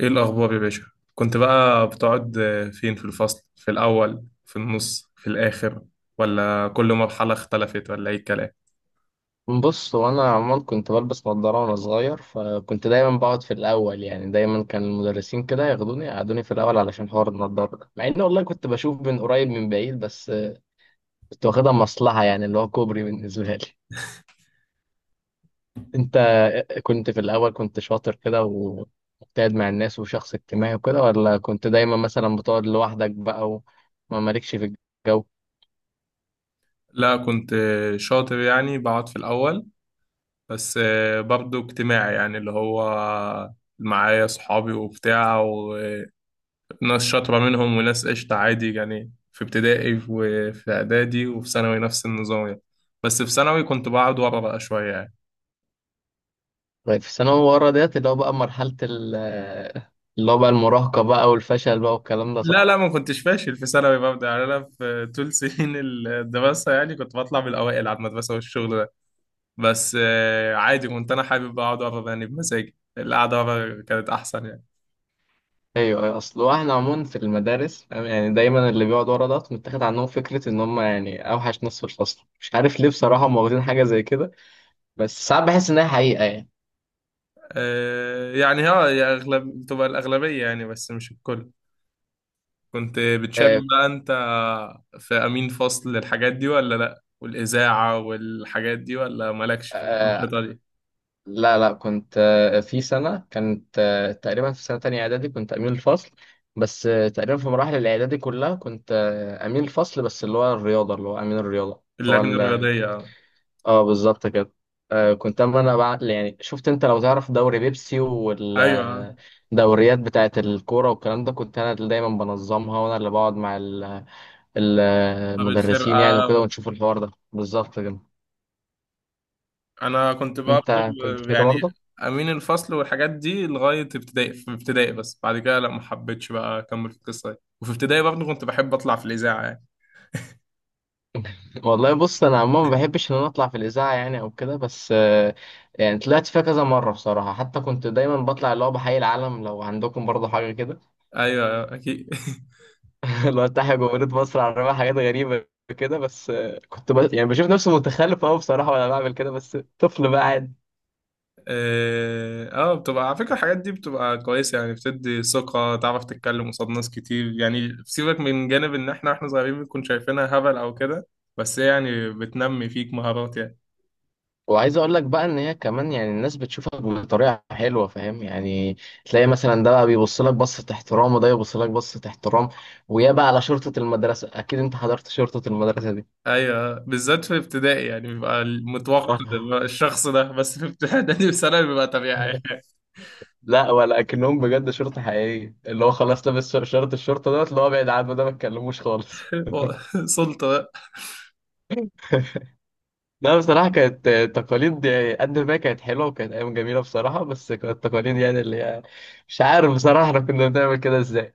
ايه الاخبار يا باشا؟ كنت بقى بتقعد فين، في الفصل، في الاول في النص في الاخر، ولا كل مرحله اختلفت ولا ايه الكلام؟ بص، هو انا عمال كنت بلبس نظاره وانا صغير، فكنت دايما بقعد في الاول. يعني دايما كان المدرسين كده ياخدوني يقعدوني في الاول علشان حوار النظاره ده، مع ان والله كنت بشوف من قريب من بعيد. بس كنت واخدها مصلحه، يعني اللي هو كوبري بالنسبه لي. انت كنت في الاول كنت شاطر كده ومجتهد مع الناس وشخص اجتماعي وكده، ولا كنت دايما مثلا بتقعد لوحدك بقى وما مالكش في الجو؟ لا، كنت شاطر يعني بقعد في الاول. بس برضو اجتماعي، يعني اللي هو معايا صحابي وبتاع وناس شاطره منهم وناس قشطه عادي، يعني في ابتدائي وفي اعدادي وفي ثانوي نفس النظام يعني. بس في ثانوي كنت بقعد ورا بقى شويه يعني. طيب، في الثانوي ورا ديت، اللي هو بقى مرحله اللي هو بقى المراهقه بقى والفشل بقى والكلام ده، لا لا، صح؟ ما كنتش فاشل في ثانوي، ببدأ يعني انا في طول سنين الدراسه يعني كنت بطلع من الاوائل على المدرسه والشغل ده. بس عادي، كنت انا حابب اقعد اقرا يعني بمزاجي، القعده ورا كانت احسن يعني. ايوه، أيوة، اصل احنا عموما في المدارس فاهم، يعني دايما اللي بيقعد ورا ده متاخد عنهم فكره ان هم يعني اوحش ناس في الفصل، مش عارف ليه بصراحه. هم واخدين حاجه زي كده، بس ساعات بحس انها حقيقه يعني. يعني اه يا اغلب تبقى الاغلبيه يعني، بس مش الكل. كنت بتشارك آه. بقى انت في امين فصل الحاجات دي ولا لا، والاذاعه والحاجات دي، ولا مالكش في آه. الانشطه دي؟ لا لا، كنت في سنه، كانت تقريبا في سنه تانية اعدادي كنت امين الفصل. بس تقريبا في مراحل الاعدادي كلها كنت امين الفصل، بس اللي هو الرياضه، اللي هو امين الرياضه. اللجنه اللي الرياضيه هو آه. اه، بالظبط كده. كنت، اما انا بقى يعني شفت، انت لو تعرف دوري بيبسي ايوه آه. والدوريات بتاعت الكوره والكلام ده، كنت انا اللي دايما بنظمها، وانا اللي بقعد مع طب المدرسين يعني وكده، الفرقه، ونشوف الحوار ده بالظبط كده. انا كنت برضه انت كنت كده يعني برضه. امين الفصل والحاجات دي لغايه ابتدائي، في ابتدائي بس، بعد كده لا، ما حبيتش بقى اكمل في القصه دي، وفي ابتدائي برضه كنت بحب اطلع في الاذاعه يعني. والله بص، انا عموما ما بحبش ان انا اطلع في الاذاعه يعني او كده، بس يعني طلعت فيها كذا مره بصراحه. حتى كنت دايما بطلع اللي هو بحيي العالم، لو عندكم برضه حاجه كده، ايوه اكيد اللي افتح جمهورية مصر على الرماية. حاجات غريبة كده، بس يعني بشوف نفسي متخلف قوي بصراحة وانا بعمل كده، بس طفل بقى عادي. اه، بتبقى على فكره الحاجات دي بتبقى كويسه يعني، بتدي ثقه تعرف تتكلم قصاد ناس كتير يعني، سيبك من جانب ان احنا واحنا صغيرين بنكون شايفينها هبل او كده، بس هي يعني بتنمي فيك مهارات يعني. وعايز اقول لك بقى ان هي كمان يعني الناس بتشوفك بطريقة حلوة، فاهم يعني. تلاقي مثلا ده بقى بيبص لك بصة احترام، وده يبص لك بصة احترام. ويا بقى على شرطة المدرسة، اكيد انت حضرت شرطة المدرسة دي. ايوه، بالذات في ابتدائي يعني بيبقى المتوقع آه. بيبقى الشخص ده، بس في ابتدائي وثانوي بيبقى طبيعي. لا، ولا اكنهم بجد شرطة حقيقية، اللي هو خلاص لابس شرط الشرطة دوت، اللي هو ابعد عنه ده ما تكلموش خالص. سلطة بقى. لا بصراحة كانت تقاليد، قد ما كانت حلوة وكانت أيام جميلة بصراحة، بس كانت تقاليد يعني اللي هي، مش عارف بصراحة احنا كنا بنعمل كده ازاي.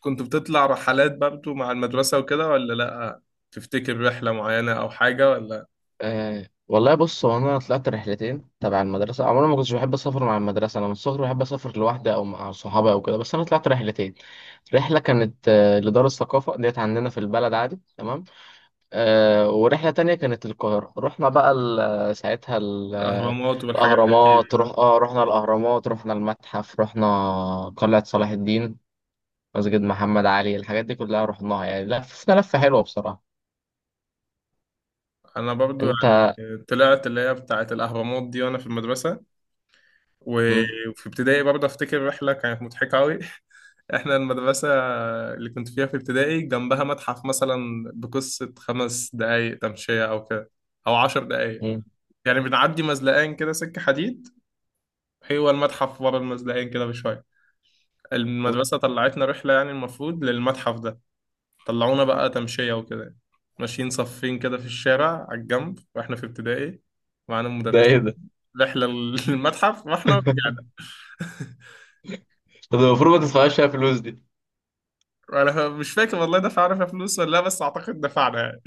كنت بتطلع رحلات برضه مع المدرسة وكده ولا لأ؟ تفتكر رحلة معينة أو حاجة ولا؟ أه والله بص، هو أنا طلعت رحلتين تبع المدرسة. عمري ما كنتش بحب أسافر مع المدرسة، أنا من الصغر بحب أسافر لوحدي أو مع صحابي أو كده، بس أنا طلعت رحلتين. رحلة كانت لدار الثقافة ديت عندنا في البلد، عادي تمام. ورحلة تانية كانت القاهرة. رحنا بقى ساعتها الأهرامات والحاجات دي الأهرامات. رح... أكيد. آه رحنا الأهرامات، رحنا المتحف، رحنا قلعة صلاح الدين، مسجد محمد علي، الحاجات دي كلها رحناها يعني. لفنا لفة حلوة بصراحة. أنا برضه يعني أنت. طلعت اللي هي بتاعة الأهرامات دي وأنا في المدرسة. و- مم. وفي ابتدائي برضه أفتكر رحلة كانت مضحكة أوي. احنا المدرسة اللي كنت فيها في ابتدائي جنبها متحف مثلا بقصة 5 دقايق تمشية أو كده، أو 10 دقايق. مم. يعني بنعدي مزلقين كده سكة حديد، هو المتحف ورا المزلقين كده بشوية. مم. المدرسة طلعتنا رحلة يعني المفروض للمتحف ده، طلعونا بقى تمشية وكده، ماشيين صفين كده في الشارع على الجنب واحنا في ابتدائي، معانا ده إيه مدرسين. ده؟ رحلة للمتحف واحنا رجعنا. طب المفروض ما تدفعش فيها فلوس دي. انا مش فاكر والله دفعنا فيها فلوس ولا لا، بس اعتقد دفعنا يعني.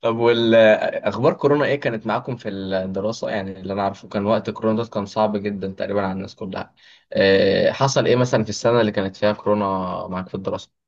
طب، والأخبار، كورونا إيه كانت معاكم في الدراسة؟ يعني اللي أنا عارفه، كان وقت كورونا ده كان صعب جدا تقريبا على الناس كلها. حصل إيه مثلا في السنة اللي كانت فيها كورونا معاك في الدراسة؟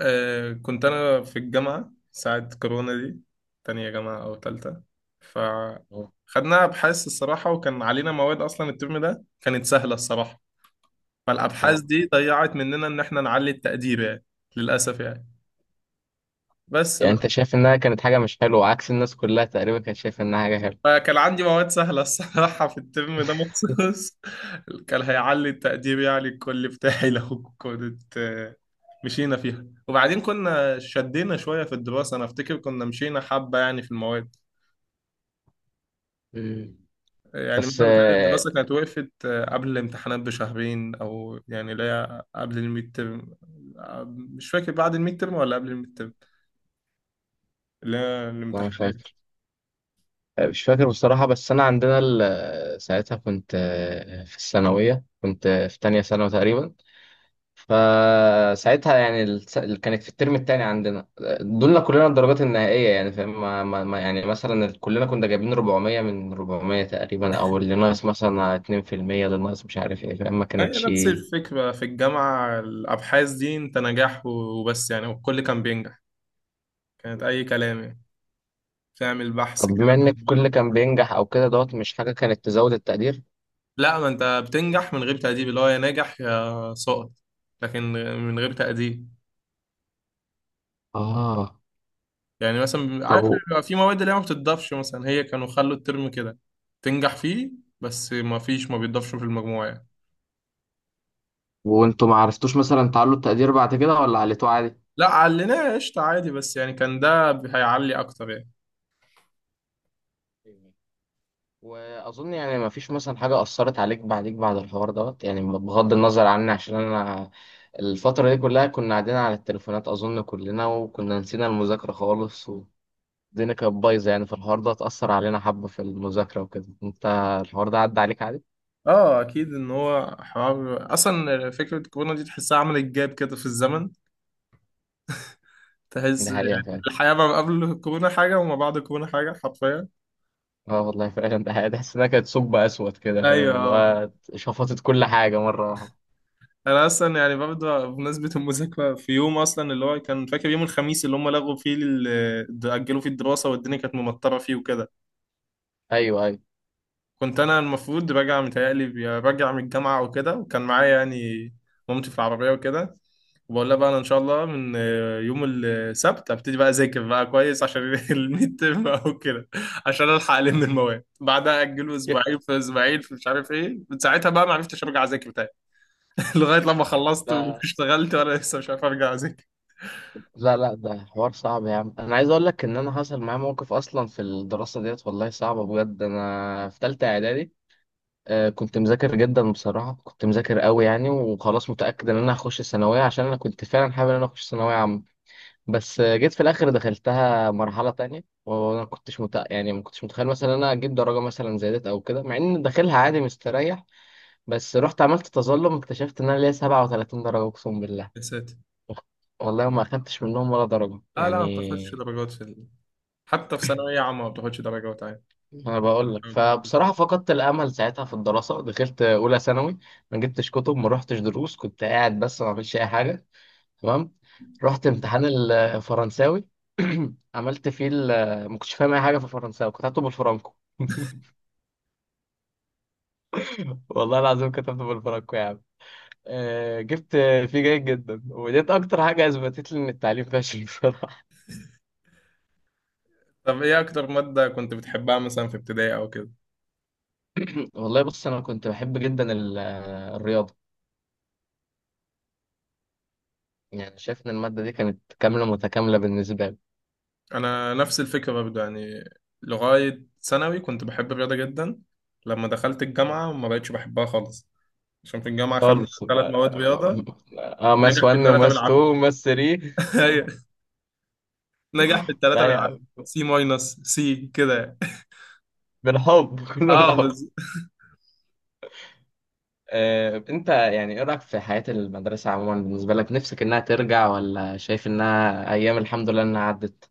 آه، كنت أنا في الجامعة ساعة كورونا دي، تانية جامعة أو تالتة، فخدنا أبحاث الصراحة، وكان علينا مواد أصلا الترم ده كانت سهلة الصراحة، فالأبحاث آه. دي ضيعت مننا إن إحنا نعلي التقدير يعني. للأسف يعني. بس يعني انت بقى، شايف انها كانت حاجة مش حلوة، عكس الناس كلها تقريبا كانت شايفة انها حاجة حلوة؟ فكان عندي مواد سهلة الصراحة في الترم ده مخصوص كان هيعلي التقدير يعني الكل بتاعي، لو كنت مشينا فيها وبعدين كنا شدينا شوية في الدراسة، أنا أفتكر كنا مشينا حبة يعني في المواد. مم. يعني بس مثلا بتهيألي آه، الدراسة كانت وقفت قبل الامتحانات بشهرين، أو يعني اللي هي قبل الميد ترم. مش فاكر بعد الميد ترم ولا قبل الميد ترم، اللي هي انا الامتحانات. فاكر آه، مش فاكر بصراحة. بس انا عندنا ساعتها كنت في الثانوية، كنت في تانية ثانوي تقريبا. فساعتها يعني اللي كانت في الترم التاني عندنا دولنا كلنا الدرجات النهائية. يعني فاهم، يعني مثلا كلنا كنا جايبين 400 من 400 تقريبا، او اللي ناقص مثلا 2%، اللي ناقص مش عارف ايه، فاهم؟ ما هي كانتش. نفس الفكرة في الجامعة، الأبحاث دي أنت نجاح وبس يعني، والكل كان بينجح. كانت أي كلام يعني، تعمل بحث طب كده بما ان عن الكل كان المادة. بينجح او كده دوت، مش حاجه كانت تزود التقدير؟ لا، ما أنت بتنجح من غير تأديب، اللي هو يا ناجح يا سقط. لكن من غير تأديب. اه. يعني مثلا طب عارف و... بيبقى في مواد اللي هي ما بتضافش، مثلا هي كانوا خلوا الترم كده تنجح فيه، بس ما فيش، ما بيضافش في المجموع يعني. وانتوا ما عرفتوش مثلا تعلوا التقدير بعد كده، ولا عليتوه عادي؟ لا، عليناه قشطة عادي، بس يعني كان ده هيعلي اكتر يعني. واظن يعني ما فيش مثلا حاجه اثرت عليك بعديك بعد الحوار دوت، يعني بغض النظر عني، عشان انا الفتره دي كلها كنا قاعدين على التليفونات اظن كلنا، وكنا نسينا المذاكره خالص. والدنيا كانت بايظه يعني، فالحوار ده اتاثر علينا حبه في المذاكره وكده. انت الحوار ده عدى عليك عادي؟ اه اكيد، ان هو حوار اصلا فكرة الكورونا دي تحسها عملت جاب كده في الزمن، تحس ده حقيقه يعني فعلا. الحياة ما قبل الكورونا حاجة وما بعد الكورونا حاجة، حرفيا. اه والله فعلا ده حقيقة. تحس انها كانت ثقب اسود كده، فاهم ايوه اللي آه. هو شفطت كل حاجه مره واحده. انا اصلا يعني برضه بمناسبه المذاكره، في يوم اصلا اللي هو كان فاكر يوم الخميس اللي هم لغوا فيه اجلوا فيه الدراسه، والدنيا كانت ممطره فيه وكده. ايوه، ايوه. كنت انا المفروض راجع، متهيألي راجع من الجامعه وكده، وكان معايا يعني مامتي في العربيه وكده. وبقول لها بقى انا ان شاء الله من يوم السبت ابتدي بقى اذاكر بقى كويس عشان الميد ترم او كده، عشان الحق المواد. بعدها اجلوا ي- اسبوعين في اسبوعين في مش عارف ايه، من ساعتها بقى ما عرفتش ارجع اذاكر تاني. لغايه لما خلصت لا واشتغلت وانا لسه مش عارف ارجع اذاكر. لا لا، ده حوار صعب يا عم. انا عايز اقول لك ان انا حصل معايا موقف اصلا في الدراسه ديت، والله صعبه بجد. انا في ثالثه اعدادي كنت مذاكر جدا بصراحه، كنت مذاكر قوي يعني، وخلاص متاكد ان انا هخش الثانويه، عشان انا كنت فعلا حابب ان انا اخش ثانويه عامه. بس جيت في الاخر دخلتها مرحله تانية، وانا ما كنتش يعني ما كنتش متخيل مثلا إن انا اجيب درجه مثلا زي ديت او كده، مع ان داخلها عادي مستريح. بس رحت عملت تظلم، اكتشفت ان انا ليا 37 درجة اقسم بالله. يا ساتر. والله ما اخدتش منهم ولا درجة اه لا، ما بتاخدش يعني. درجات حتى في ثانوية عامة ما بتاخدش درجات عادي. انا بقول لك، فبصراحة فقدت الامل ساعتها في الدراسة. دخلت اولى ثانوي، ما جبتش كتب، ما رحتش دروس، كنت قاعد بس، ما عملتش اي حاجة. تمام. رحت امتحان الفرنساوي. عملت فيه ال- آه، ما كنتش فاهم اي حاجة في الفرنساوي، كنت هكتب بالفرنكو. والله العظيم كتبت بالفرنكو يا عم. جبت فيه جيد جدا، وديت اكتر حاجة اثبتت لي ان التعليم فاشل. بصراحة، طب ايه اكتر مادة كنت بتحبها مثلا في ابتدائي او كده؟ والله بص، انا كنت بحب جدا الرياضه. يعني شايف ان الماده دي كانت كامله متكامله بالنسبه لي. انا نفس الفكرة برضه يعني، لغاية ثانوي كنت بحب الرياضة جدا. لما دخلت الجامعة ما بقتش بحبها خالص، عشان في الجامعة خدنا خالص. ثلاث مواد رياضة. اه، ماس نجح في 1 الثلاثة وماس 2 بالعافية. وماس 3. ايوه، نجح في الثلاثة لا يا عم، بالعافية سي ماينس سي كده يعني. بالحب كله اه بالحب. بس. انت يعني ايه رايك في حياه المدرسه عموما بالنسبه لك نفسك، انها ترجع ولا شايف انها ايام الحمد لله انها عدت؟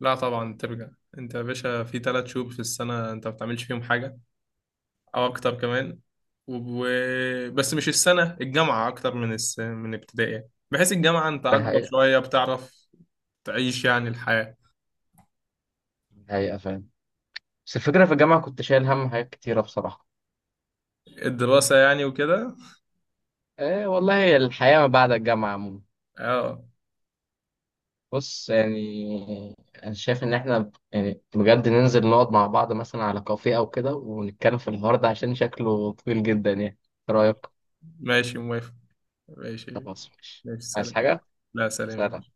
لا طبعا ترجع. انت يا باشا في 3 شهور في السنة انت ما بتعملش فيهم حاجة، او اكتر كمان. و... بس مش السنة الجامعة اكتر من من ابتدائي، بحيث الجامعة انت ده اكبر حقيقه. شوية بتعرف تعيش يعني الحياة. حقيقه فاهم. بس الفكره في الجامعه كنت شايل هم حاجات كتيره بصراحه. الدراسة يعني وكده. والله الحياه ما بعد الجامعه عموما. اه بص يعني، انا شايف ان احنا يعني بجد ننزل نقعد مع بعض مثلا على كافيه او كده ونتكلم في الحوار ده، عشان شكله طويل جدا يعني. إيه رايك؟ ماشي موافق، ماشي، خلاص ماشي. ماشي عايز سلام. حاجه؟ لا سلام. سلام.